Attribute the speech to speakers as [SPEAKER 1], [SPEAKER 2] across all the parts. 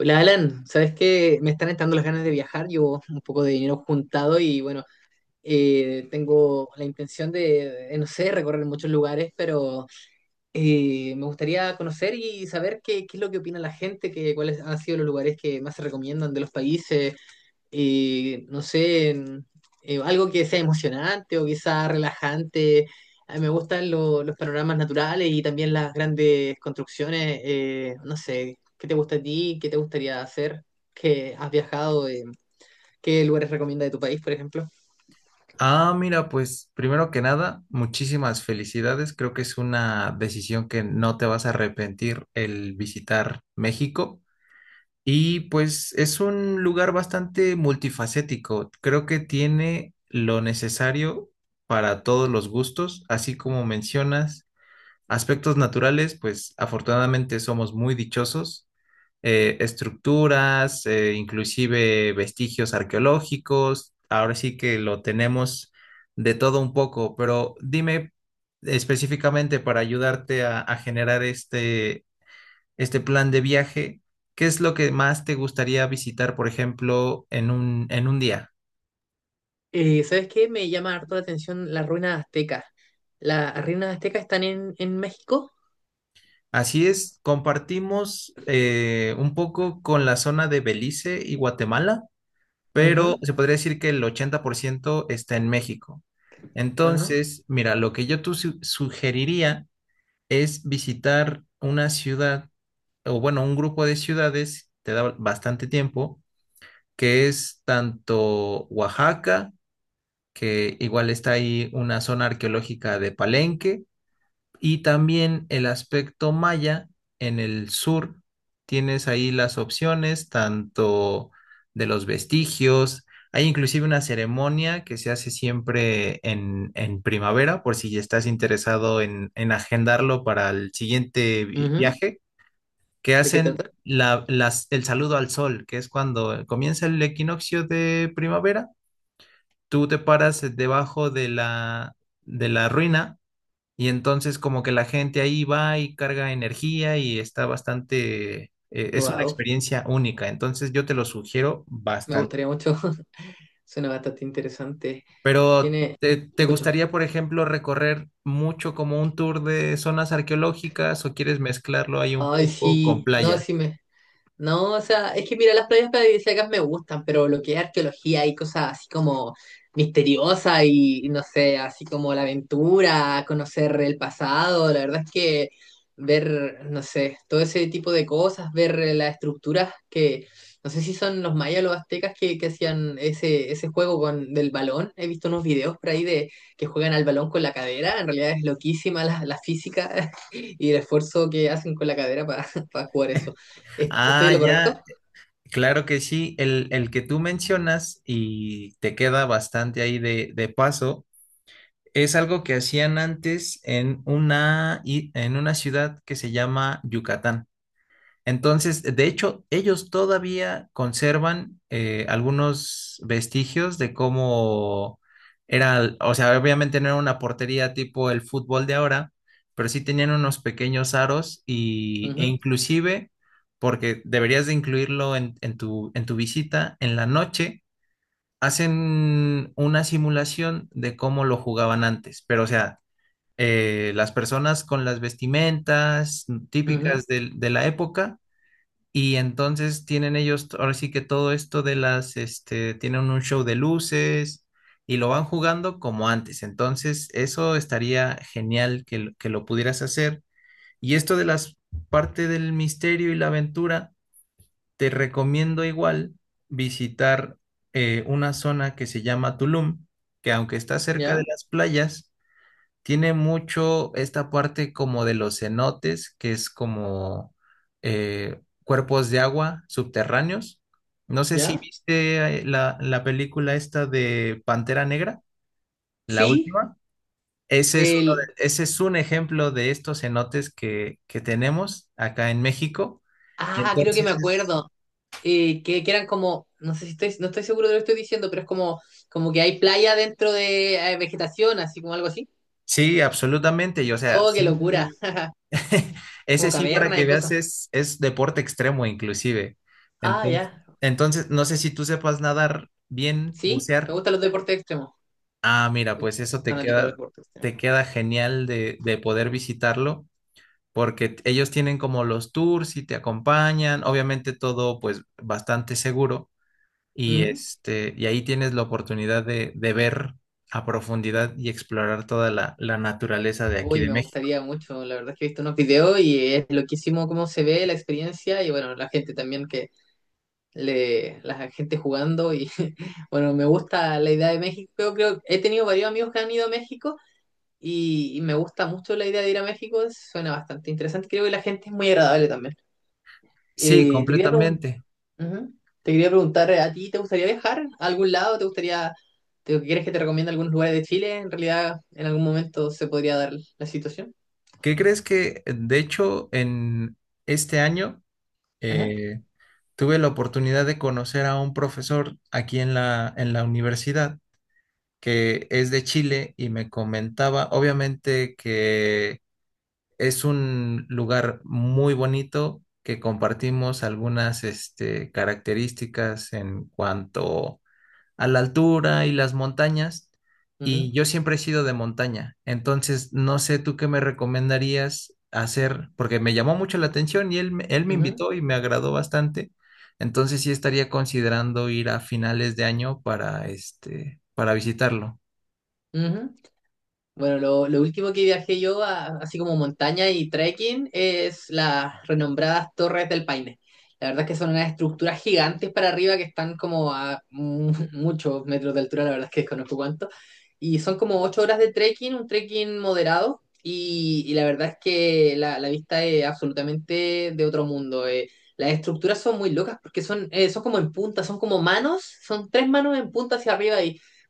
[SPEAKER 1] Hola Alan, ¿sabes qué? Me están entrando las ganas de viajar, llevo un poco de dinero juntado y bueno, tengo la intención de, no sé, recorrer muchos lugares, pero me gustaría conocer y saber qué es lo que opina la gente, que, cuáles han sido los lugares que más se recomiendan de los países, no sé, algo que sea emocionante o quizá relajante. A mí me gustan los panoramas naturales y también las grandes construcciones. No sé, ¿qué te gusta a ti? ¿Qué te gustaría hacer? ¿Qué has viajado? ¿Qué lugares recomienda de tu país, por ejemplo?
[SPEAKER 2] Ah, mira, pues primero que nada, muchísimas felicidades. Creo que es una decisión que no te vas a arrepentir el visitar México. Y pues es un lugar bastante multifacético. Creo que tiene lo necesario para todos los gustos, así como mencionas aspectos naturales, pues afortunadamente somos muy dichosos, estructuras, inclusive vestigios arqueológicos. Ahora sí que lo tenemos de todo un poco, pero dime específicamente para ayudarte a generar este plan de viaje. ¿Qué es lo que más te gustaría visitar, por ejemplo, en un día?
[SPEAKER 1] ¿Sabes qué? Me llama harto la atención las ruinas aztecas. ¿Las ruinas aztecas están en México?
[SPEAKER 2] Así es, compartimos un poco con la zona de Belice y Guatemala, pero
[SPEAKER 1] Ujú,
[SPEAKER 2] se podría decir que el 80% está en México.
[SPEAKER 1] ajá,
[SPEAKER 2] Entonces, mira, lo que yo tú sugeriría es visitar una ciudad, o bueno, un grupo de ciudades, te da bastante tiempo, que es tanto Oaxaca, que igual está ahí una zona arqueológica de Palenque, y también el aspecto maya en el sur. Tienes ahí las opciones tanto de los vestigios. Hay inclusive una ceremonia que se hace siempre en primavera, por si estás interesado en agendarlo para el siguiente
[SPEAKER 1] ujú.
[SPEAKER 2] viaje, que
[SPEAKER 1] ¿De qué
[SPEAKER 2] hacen
[SPEAKER 1] trata?
[SPEAKER 2] el saludo al sol, que es cuando comienza el equinoccio de primavera. Tú te paras debajo de de la ruina, y entonces como que la gente ahí va y carga energía y está bastante, es una
[SPEAKER 1] Wow,
[SPEAKER 2] experiencia única. Entonces yo te lo sugiero
[SPEAKER 1] me
[SPEAKER 2] bastante.
[SPEAKER 1] gustaría mucho. Suena bastante interesante.
[SPEAKER 2] Pero
[SPEAKER 1] Tiene, te
[SPEAKER 2] te
[SPEAKER 1] escucho.
[SPEAKER 2] gustaría, por ejemplo, recorrer mucho como un tour de zonas arqueológicas o quieres mezclarlo ahí un
[SPEAKER 1] Ay,
[SPEAKER 2] poco con
[SPEAKER 1] sí, no,
[SPEAKER 2] playa?
[SPEAKER 1] no, o sea, es que mira, las playas paradisíacas me gustan, pero lo que es arqueología y cosas así como misteriosas y no sé, así como la aventura, conocer el pasado, la verdad es que ver, no sé, todo ese tipo de cosas, ver las estructuras que, no sé si son los mayas o los aztecas que hacían ese juego con, del balón, he visto unos videos por ahí de que juegan al balón con la cadera, en realidad es loquísima la física y el esfuerzo que hacen con la cadera para jugar eso. ¿Estoy en
[SPEAKER 2] Ah,
[SPEAKER 1] lo correcto?
[SPEAKER 2] ya, claro que sí. El que tú mencionas y te queda bastante ahí de paso. Es algo que hacían antes en una, en una ciudad que se llama Yucatán. Entonces, de hecho, ellos todavía conservan, algunos vestigios de cómo era. O sea, obviamente no era una portería tipo el fútbol de ahora, pero sí tenían unos pequeños aros y, e
[SPEAKER 1] Ujú,
[SPEAKER 2] inclusive, porque deberías de incluirlo en tu visita, en la noche hacen una simulación de cómo lo jugaban antes. Pero o sea, las personas con las vestimentas
[SPEAKER 1] ujú.
[SPEAKER 2] típicas de la época, y entonces tienen ellos, ahora sí que todo esto de tienen un show de luces y lo van jugando como antes. Entonces, eso estaría genial que, que lo pudieras hacer. Y esto de las parte del misterio y la aventura, te recomiendo igual visitar una zona que se llama Tulum, que aunque está cerca de
[SPEAKER 1] ¿Ya?
[SPEAKER 2] las playas, tiene mucho esta parte como de los cenotes, que es como cuerpos de agua subterráneos. No sé si
[SPEAKER 1] ¿Ya?
[SPEAKER 2] viste, la película esta de Pantera Negra, la
[SPEAKER 1] Sí,
[SPEAKER 2] última. Ese es uno
[SPEAKER 1] el...
[SPEAKER 2] ese es un ejemplo de estos cenotes que tenemos acá en México. Y
[SPEAKER 1] Ah, creo que me
[SPEAKER 2] entonces,
[SPEAKER 1] acuerdo. Que eran como, no sé si estoy, no estoy seguro de lo que estoy diciendo, pero es como, como que hay playa dentro de vegetación, así como algo así.
[SPEAKER 2] sí, absolutamente. Y o sea,
[SPEAKER 1] Oh, qué locura.
[SPEAKER 2] son
[SPEAKER 1] Como
[SPEAKER 2] ese sí, para
[SPEAKER 1] caverna
[SPEAKER 2] que
[SPEAKER 1] y
[SPEAKER 2] veas,
[SPEAKER 1] cosas.
[SPEAKER 2] es deporte extremo inclusive.
[SPEAKER 1] Ah,
[SPEAKER 2] Entonces,
[SPEAKER 1] ya.
[SPEAKER 2] entonces, no sé si tú sepas nadar bien,
[SPEAKER 1] Sí, me
[SPEAKER 2] bucear.
[SPEAKER 1] gustan los deportes extremos.
[SPEAKER 2] Ah, mira,
[SPEAKER 1] Soy
[SPEAKER 2] pues eso
[SPEAKER 1] fanático de los deportes
[SPEAKER 2] te
[SPEAKER 1] extremos.
[SPEAKER 2] queda genial de poder visitarlo, porque ellos tienen como los tours y te acompañan, obviamente todo pues bastante seguro, y
[SPEAKER 1] Ujú.
[SPEAKER 2] este, y ahí tienes la oportunidad de ver a profundidad y explorar toda la naturaleza de aquí
[SPEAKER 1] Uy,
[SPEAKER 2] de
[SPEAKER 1] me
[SPEAKER 2] México.
[SPEAKER 1] gustaría mucho. La verdad es que he visto unos videos y es loquísimo cómo se ve la experiencia y bueno, la gente también que la gente jugando y bueno, me gusta la idea de México. He tenido varios amigos que han ido a México y me gusta mucho la idea de ir a México, suena bastante interesante. Creo que la gente es muy agradable también.
[SPEAKER 2] Sí,
[SPEAKER 1] Te quería preguntar,
[SPEAKER 2] completamente.
[SPEAKER 1] te quería preguntar, ¿a ti te gustaría viajar a algún lado? ¿Te gustaría, te, quieres que te recomiende algunos lugares de Chile? En realidad, en algún momento se podría dar la situación.
[SPEAKER 2] ¿Qué crees que, de hecho, en este año
[SPEAKER 1] Ajá.
[SPEAKER 2] eh, tuve la oportunidad de conocer a un profesor aquí en en la universidad que es de Chile y me comentaba, obviamente, que es un lugar muy bonito, que compartimos algunas características en cuanto a la altura y las montañas, y
[SPEAKER 1] Ujú,
[SPEAKER 2] yo siempre he sido de montaña? Entonces no sé tú qué me recomendarías hacer, porque me llamó mucho la atención y él me
[SPEAKER 1] ujú,
[SPEAKER 2] invitó y me agradó bastante, entonces sí estaría considerando ir a finales de año para este, para visitarlo.
[SPEAKER 1] ujú. Bueno, lo último que viajé yo, así como montaña y trekking, es las renombradas Torres del Paine. La verdad es que son unas estructuras gigantes para arriba que están como a muchos metros de altura, la verdad es que desconozco cuánto. Y son como ocho horas de trekking, un trekking moderado. Y la verdad es que la vista es absolutamente de otro mundo. Las estructuras son muy locas porque son, son como en punta, son como manos, son tres manos en punta hacia arriba,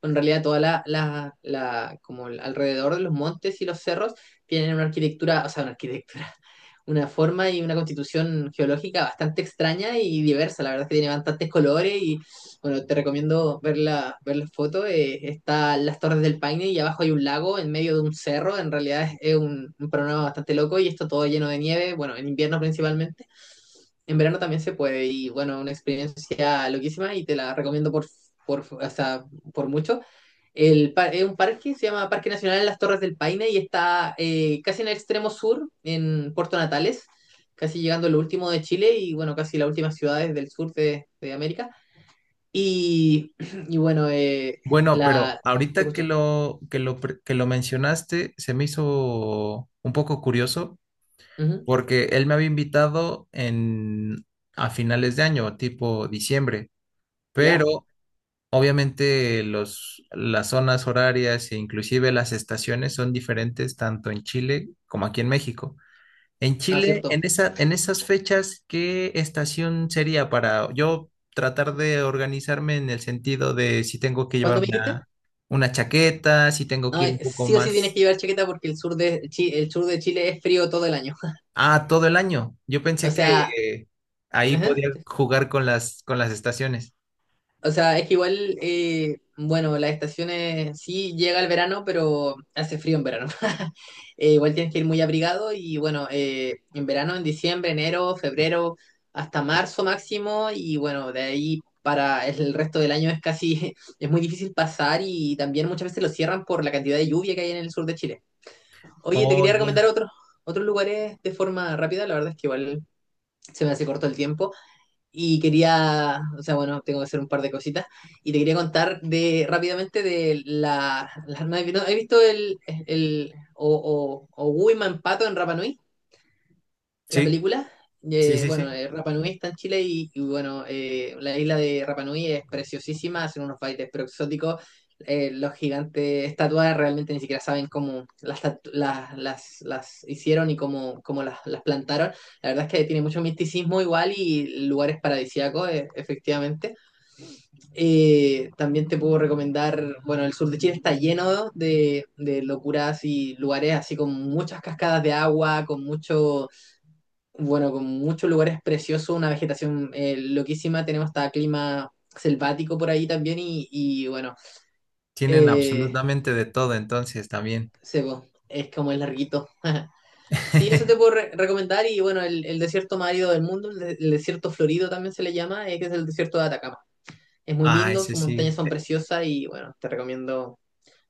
[SPEAKER 1] en realidad toda como alrededor de los montes y los cerros tienen una arquitectura, o sea, una arquitectura, una forma y una constitución geológica bastante extraña y diversa. La verdad es que tiene bastantes colores y bueno, te recomiendo ver la, ver las fotos. Está las Torres del Paine y abajo hay un lago en medio de un cerro. En realidad es un panorama bastante loco y esto todo lleno de nieve, bueno, en invierno principalmente. En verano también se puede y bueno, una experiencia loquísima y te la recomiendo o sea, por mucho. Es un parque, se llama Parque Nacional Las Torres del Paine y está casi en el extremo sur, en Puerto Natales, casi llegando a lo último de Chile y bueno, casi las últimas ciudades del sur de América. Y, y bueno,
[SPEAKER 2] Bueno, pero
[SPEAKER 1] la... Te
[SPEAKER 2] ahorita
[SPEAKER 1] escucho.
[SPEAKER 2] que lo mencionaste, se me hizo un poco curioso
[SPEAKER 1] Ujú.
[SPEAKER 2] porque él me había invitado a finales de año, tipo diciembre,
[SPEAKER 1] ¿Ya?
[SPEAKER 2] pero obviamente las zonas horarias e inclusive las estaciones son diferentes tanto en Chile como aquí en México. En
[SPEAKER 1] Ah,
[SPEAKER 2] Chile,
[SPEAKER 1] cierto.
[SPEAKER 2] en esas fechas, ¿qué estación sería para yo tratar de organizarme en el sentido de si tengo que
[SPEAKER 1] ¿Cuándo
[SPEAKER 2] llevar
[SPEAKER 1] me dijiste?
[SPEAKER 2] una chaqueta, si tengo que
[SPEAKER 1] No,
[SPEAKER 2] ir un poco
[SPEAKER 1] sí o sí tienes que
[SPEAKER 2] más?
[SPEAKER 1] llevar chaqueta porque el sur el sur de Chile es frío todo el año.
[SPEAKER 2] Ah, todo el año. Yo
[SPEAKER 1] O
[SPEAKER 2] pensé
[SPEAKER 1] sea,
[SPEAKER 2] que ahí
[SPEAKER 1] ajá.
[SPEAKER 2] podía
[SPEAKER 1] Sí.
[SPEAKER 2] jugar con con las estaciones.
[SPEAKER 1] O sea, es que igual, bueno, las estaciones sí llega el verano, pero hace frío en verano. Igual tienes que ir muy abrigado y bueno, en verano, en diciembre, enero, febrero, hasta marzo máximo y bueno, de ahí para el resto del año es casi, es muy difícil pasar y también muchas veces lo cierran por la cantidad de lluvia que hay en el sur de Chile. Oye, te
[SPEAKER 2] Oh,
[SPEAKER 1] quería
[SPEAKER 2] ya.
[SPEAKER 1] recomendar otros lugares de forma rápida, la verdad es que igual se me hace corto el tiempo. Y quería, o sea, bueno, tengo que hacer un par de cositas. Y te quería contar de rápidamente de las no he Pinocho. ¿Has visto el o Huima en Pato en Rapa Nui? La
[SPEAKER 2] Sí,
[SPEAKER 1] película,
[SPEAKER 2] sí, sí,
[SPEAKER 1] bueno,
[SPEAKER 2] sí,
[SPEAKER 1] Rapa Nui está en Chile y bueno, la isla de Rapa Nui es preciosísima, hacen unos bailes pero exóticos. Los gigantes estatuas realmente ni siquiera saben cómo las hicieron y cómo las plantaron. La verdad es que tiene mucho misticismo igual y lugares paradisíacos, efectivamente. También te puedo recomendar, bueno, el sur de Chile está lleno de locuras y lugares así con muchas cascadas de agua, con mucho, bueno, con muchos lugares preciosos, una vegetación loquísima, tenemos hasta clima selvático por ahí también y bueno,
[SPEAKER 2] tienen
[SPEAKER 1] eh,
[SPEAKER 2] absolutamente de todo entonces también.
[SPEAKER 1] sebo, es como el larguito. Sí, eso te puedo recomendar y bueno, el desierto más árido del mundo, el desierto florido también se le llama, que es el desierto de Atacama. Es muy
[SPEAKER 2] Ah,
[SPEAKER 1] lindo,
[SPEAKER 2] ese
[SPEAKER 1] sus
[SPEAKER 2] sí.
[SPEAKER 1] montañas son preciosas y bueno, te recomiendo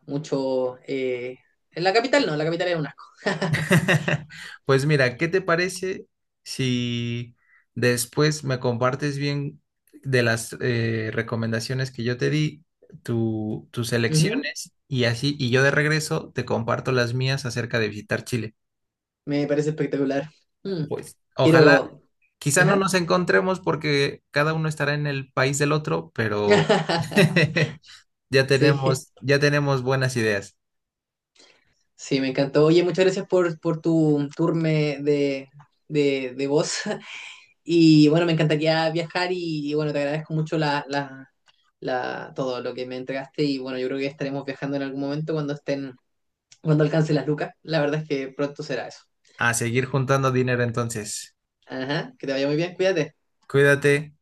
[SPEAKER 1] mucho. En la capital no, la capital es un asco.
[SPEAKER 2] Pues mira, ¿qué te parece si después me compartes bien de las, recomendaciones que yo te di, tus
[SPEAKER 1] Ujú,
[SPEAKER 2] elecciones y así, y yo de regreso te comparto las mías acerca de visitar Chile?
[SPEAKER 1] me parece espectacular. Mm,
[SPEAKER 2] Pues ojalá,
[SPEAKER 1] quiero...
[SPEAKER 2] quizá no
[SPEAKER 1] Ajá.
[SPEAKER 2] nos encontremos porque cada uno estará en el país del otro, pero
[SPEAKER 1] Sí.
[SPEAKER 2] ya tenemos buenas ideas.
[SPEAKER 1] Sí, me encantó. Oye, muchas gracias por tu tour de voz. Y bueno, me encantaría viajar bueno, te agradezco mucho todo lo que me entregaste. Y bueno, yo creo que estaremos viajando en algún momento cuando estén, cuando alcance las lucas. La verdad es que pronto será eso.
[SPEAKER 2] A seguir juntando dinero entonces.
[SPEAKER 1] Ajá, que te vaya muy bien, cuídate.
[SPEAKER 2] Cuídate.